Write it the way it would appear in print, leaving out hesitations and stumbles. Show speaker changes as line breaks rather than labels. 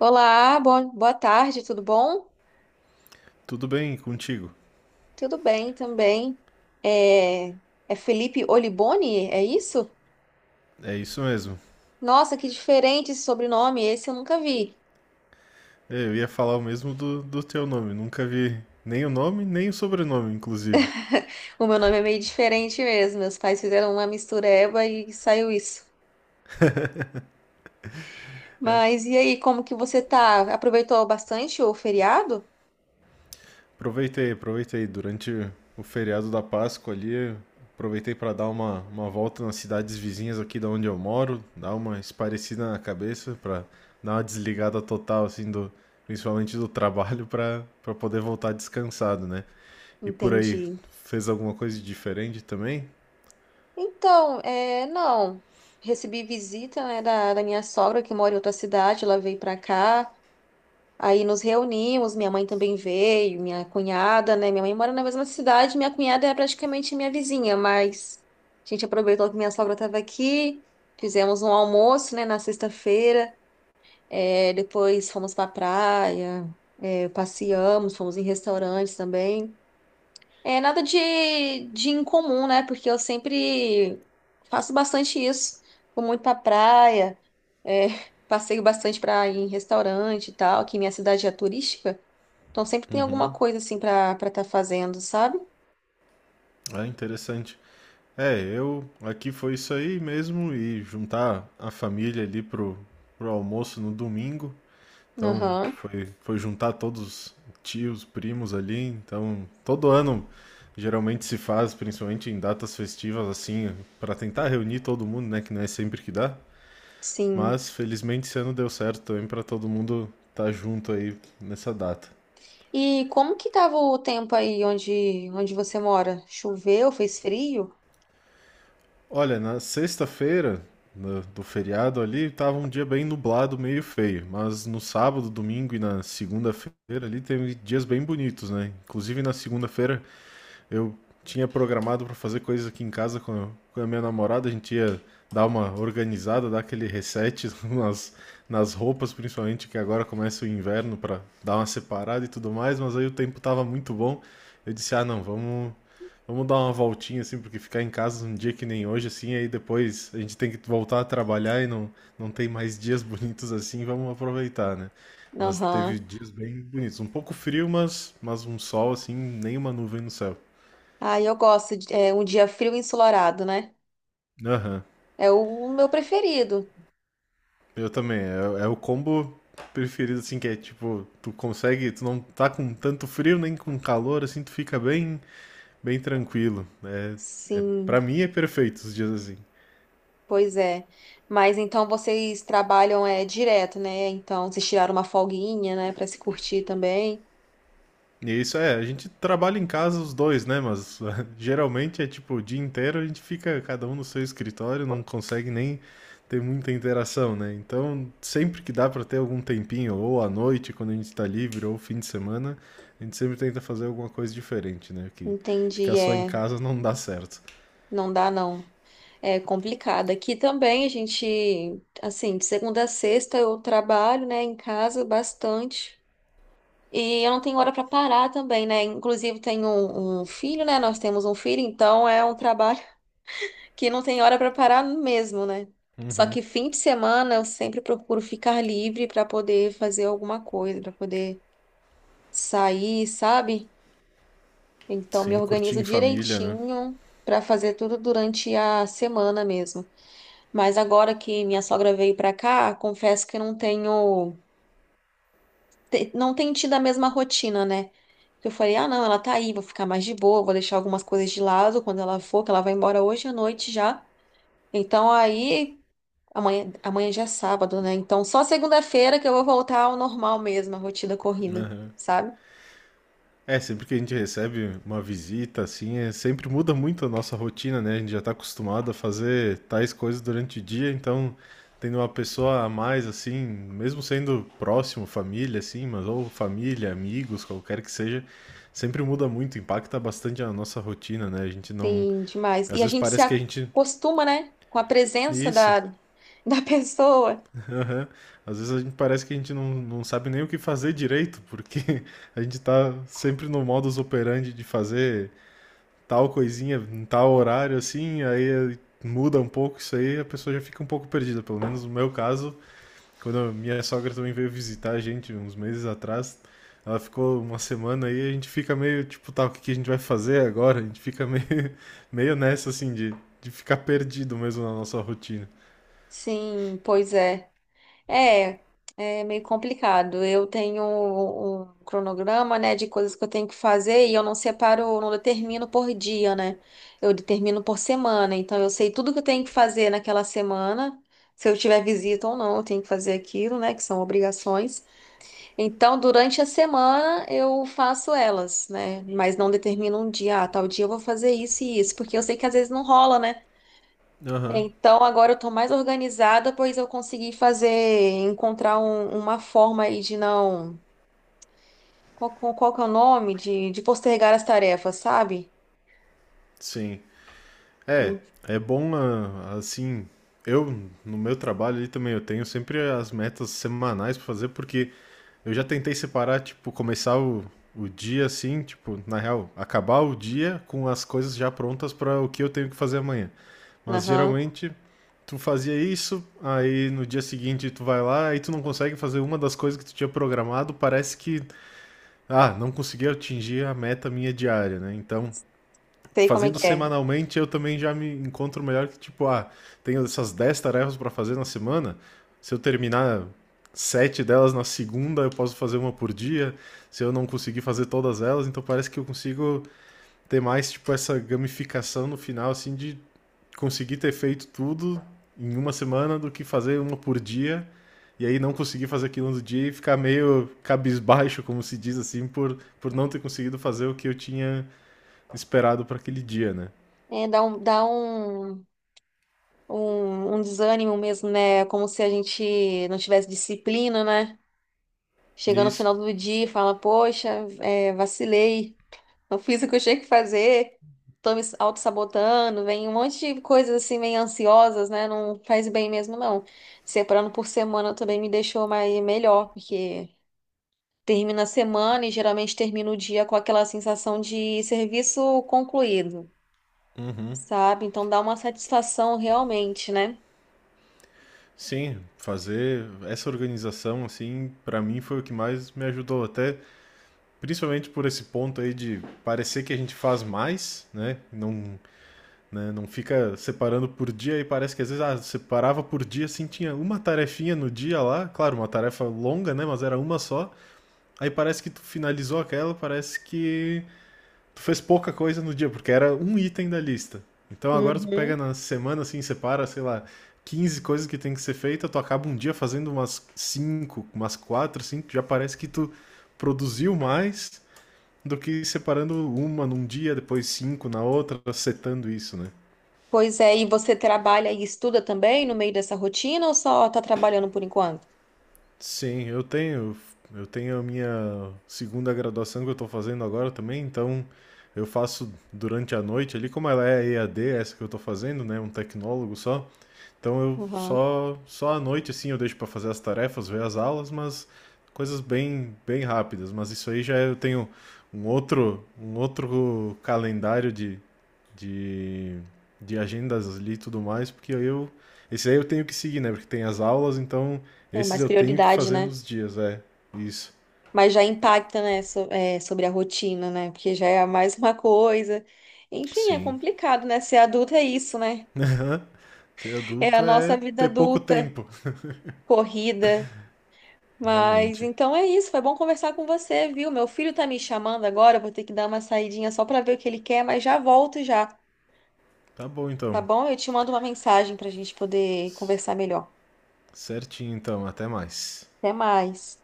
Olá, bom, boa tarde, tudo bom?
Tudo bem contigo?
Tudo bem também. É, é Felipe Oliboni, é isso?
É isso mesmo.
Nossa, que diferente esse sobrenome, esse eu nunca vi.
É, eu ia falar o mesmo do teu nome. Nunca vi nem o nome, nem o sobrenome, inclusive.
O meu nome é meio diferente mesmo, meus pais fizeram uma mistureba e saiu isso. Mas e aí, como que você tá? Aproveitou bastante o feriado?
Aproveitei. Durante o feriado da Páscoa ali, aproveitei para dar uma volta nas cidades vizinhas aqui da onde eu moro, dar uma esparecida na cabeça, para dar uma desligada total, assim, do, principalmente do trabalho, para poder voltar descansado, né? E por aí,
Entendi.
fez alguma coisa de diferente também?
Então, é, não, recebi visita, né, da minha sogra que mora em outra cidade, ela veio pra cá. Aí nos reunimos, minha mãe também veio, minha cunhada, né? Minha mãe mora na mesma cidade, minha cunhada é praticamente minha vizinha, mas a gente aproveitou que minha sogra estava aqui, fizemos um almoço, né, na sexta-feira, é, depois fomos para praia, é, passeamos, fomos em restaurantes também. É nada de incomum, né? Porque eu sempre faço bastante isso, vou muito para praia, é, passeio bastante para ir em restaurante e tal, que minha cidade é turística. Então sempre tem alguma coisa assim pra para estar fazendo, sabe?
É interessante. É, eu aqui foi isso aí mesmo e juntar a família ali pro, pro almoço no domingo. Então
Aham,
foi juntar todos os tios, primos ali. Então todo ano geralmente se faz, principalmente em datas festivas assim, para tentar reunir todo mundo, né? Que não é sempre que dá.
sim.
Mas felizmente esse ano deu certo também para todo mundo estar junto aí nessa data.
E como que tava o tempo aí onde você mora? Choveu? Fez frio?
Olha, na sexta-feira do feriado ali, tava um dia bem nublado, meio feio. Mas no sábado, domingo e na segunda-feira ali, teve dias bem bonitos, né? Inclusive na segunda-feira eu tinha programado para fazer coisas aqui em casa com a minha namorada, a gente ia dar uma organizada, dar aquele reset nas, nas roupas, principalmente que agora começa o inverno para dar uma separada e tudo mais, mas aí o tempo tava muito bom. Eu disse: "Ah, não, vamos dar uma voltinha assim, porque ficar em casa um dia que nem hoje assim, aí depois a gente tem que voltar a trabalhar e não tem mais dias bonitos assim, vamos aproveitar, né? Mas
Aham.
teve dias bem bonitos, um pouco frio, mas um sol assim, nem uma nuvem no céu.
Ah, eu gosto de é, um dia frio e ensolarado, né?
Aham.
É o meu preferido.
Eu também. É, é o combo preferido, assim, que é tipo, tu consegue, tu não tá com tanto frio nem com calor, assim, tu fica bem, bem tranquilo, né? Pra
Sim,
mim é perfeito os dias assim.
pois é. Mas então vocês trabalham é direto, né? Então vocês tiraram uma folguinha, né, pra se curtir também.
Isso, é, a gente trabalha em casa os dois, né? Mas geralmente é tipo o dia inteiro a gente fica cada um no seu escritório, não consegue nem ter muita interação, né? Então, sempre que dá para ter algum tempinho, ou à noite, quando a gente está livre, ou fim de semana, a gente sempre tenta fazer alguma coisa diferente, né? Que
Entendi,
ficar só em
é,
casa não dá certo.
não dá não. É complicado. Aqui também a gente, assim, de segunda a sexta eu trabalho, né, em casa bastante. E eu não tenho hora para parar também, né? Inclusive tenho um filho, né? Nós temos um filho, então é um trabalho que não tem hora para parar mesmo, né? Só que fim de semana eu sempre procuro ficar livre para poder fazer alguma coisa, para poder sair, sabe? Então me
Sim, curtir
organizo
em família, né?
direitinho para fazer tudo durante a semana mesmo. Mas agora que minha sogra veio pra cá, confesso que eu não tenho, não tenho tido a mesma rotina, né? Eu falei, ah, não, ela tá aí, vou ficar mais de boa, vou deixar algumas coisas de lado quando ela for, que ela vai embora hoje à noite já. Então aí, amanhã já é sábado, né? Então só segunda-feira que eu vou voltar ao normal mesmo, a rotina corrida, sabe?
É, sempre que a gente recebe uma visita, assim, é, sempre muda muito a nossa rotina, né? A gente já está acostumado a fazer tais coisas durante o dia, então tendo uma pessoa a mais, assim, mesmo sendo próximo, família, assim, mas ou família, amigos, qualquer que seja, sempre muda muito, impacta bastante a nossa rotina, né? A gente não.
Sim, demais.
Às
E a
vezes
gente se
parece que a gente.
acostuma, né? Com a presença
Isso,
da, da pessoa.
aham. Às vezes a gente parece que a gente não, não sabe nem o que fazer direito, porque a gente tá sempre no modus operandi de fazer tal coisinha em tal horário, assim, aí muda um pouco isso aí, a pessoa já fica um pouco perdida. Pelo menos no meu caso, quando a minha sogra também veio visitar a gente uns meses atrás, ela ficou uma semana aí, a gente fica meio tipo, tá, o que que a gente vai fazer agora? A gente fica meio, meio nessa, assim, de ficar perdido mesmo na nossa rotina.
Sim, pois é. É, é meio complicado. Eu tenho um cronograma, né, de coisas que eu tenho que fazer e eu não separo, eu não determino por dia, né? Eu determino por semana. Então eu sei tudo que eu tenho que fazer naquela semana. Se eu tiver visita ou não, eu tenho que fazer aquilo, né, que são obrigações. Então, durante a semana eu faço elas, né? Mas não determino um dia, ah, tal dia eu vou fazer isso e isso, porque eu sei que às vezes não rola, né?
Aham.
Então agora eu tô mais organizada, pois eu consegui fazer, encontrar uma forma aí de não. Qual que é o nome? De postergar as tarefas, sabe?
Sim. É,
Hum,
é bom ah, assim. Eu, no meu trabalho ali também, eu tenho sempre as metas semanais pra fazer, porque eu já tentei separar, tipo, começar o dia assim, tipo, na real, acabar o dia com as coisas já prontas pra o que eu tenho que fazer amanhã. Mas
Aham,
geralmente tu fazia isso, aí no dia seguinte tu vai lá, aí tu não consegue fazer uma das coisas que tu tinha programado, parece que, ah, não consegui atingir a meta minha diária, né? Então
sei como é
fazendo
que é.
semanalmente, eu também já me encontro melhor que, tipo, ah, tenho essas 10 tarefas para fazer na semana. Se eu terminar 7 delas na segunda, eu posso fazer uma por dia. Se eu não conseguir fazer todas elas, então parece que eu consigo ter mais, tipo, essa gamificação no final, assim, de conseguir ter feito tudo em uma semana do que fazer uma por dia. E aí não conseguir fazer aquilo no dia e ficar meio cabisbaixo, como se diz assim, por não ter conseguido fazer o que eu tinha esperado para aquele dia, né?
É, um desânimo mesmo, né? É como se a gente não tivesse disciplina, né? Chegando no
Isso.
final do dia e fala, poxa, é, vacilei. Não fiz o que eu tinha que fazer, tô me auto-sabotando, vem um monte de coisas assim, meio ansiosas, né? Não faz bem mesmo, não. Separando por semana também me deixou mais melhor, porque termina a semana e geralmente termina o dia com aquela sensação de serviço concluído,
Uhum.
sabe? Então dá uma satisfação realmente, né?
Sim, fazer essa organização, assim, pra mim foi o que mais me ajudou. Até principalmente por esse ponto aí de parecer que a gente faz mais, né? Não, né? Não fica separando por dia e parece que às vezes ah, separava por dia, assim, tinha uma tarefinha no dia lá, claro, uma tarefa longa, né? Mas era uma só. Aí parece que tu finalizou aquela, parece que tu fez pouca coisa no dia, porque era um item da lista. Então agora tu pega
Uhum.
na semana, assim, separa, sei lá, 15 coisas que tem que ser feita, tu acaba um dia fazendo umas 5 umas quatro cinco, já parece que tu produziu mais do que separando uma num dia, depois cinco na outra, setando isso, né?
Pois é, e você trabalha e estuda também no meio dessa rotina ou só tá trabalhando por enquanto?
Sim, eu tenho a minha segunda graduação que eu tô fazendo agora também, então eu faço durante a noite ali, como ela é EAD, essa que eu tô fazendo, né, um tecnólogo só. Então eu
Uhum.
só só à noite assim eu deixo para fazer as tarefas, ver as aulas, mas coisas bem rápidas, mas isso aí já é, eu tenho um outro calendário de de agendas ali e tudo mais, porque aí eu esse aí eu tenho que seguir, né? Porque tem as aulas, então
É
esses
mais
eu tenho que
prioridade,
fazer
né?
nos dias, é. Isso.
Mas já impacta, né, é, sobre a rotina, né? Porque já é mais uma coisa. Enfim, é
Sim.
complicado, né? Ser adulta é isso, né?
Ser
É a
adulto
nossa
é
vida
ter pouco
adulta,
tempo,
corrida. Mas
realmente.
então é isso. Foi bom conversar com você, viu? Meu filho tá me chamando agora. Eu Vou ter que dar uma saidinha só pra ver o que ele quer, mas já volto já,
Tá bom
tá
então.
bom? Eu te mando uma mensagem pra gente poder conversar melhor.
Certinho então, até mais.
Até mais.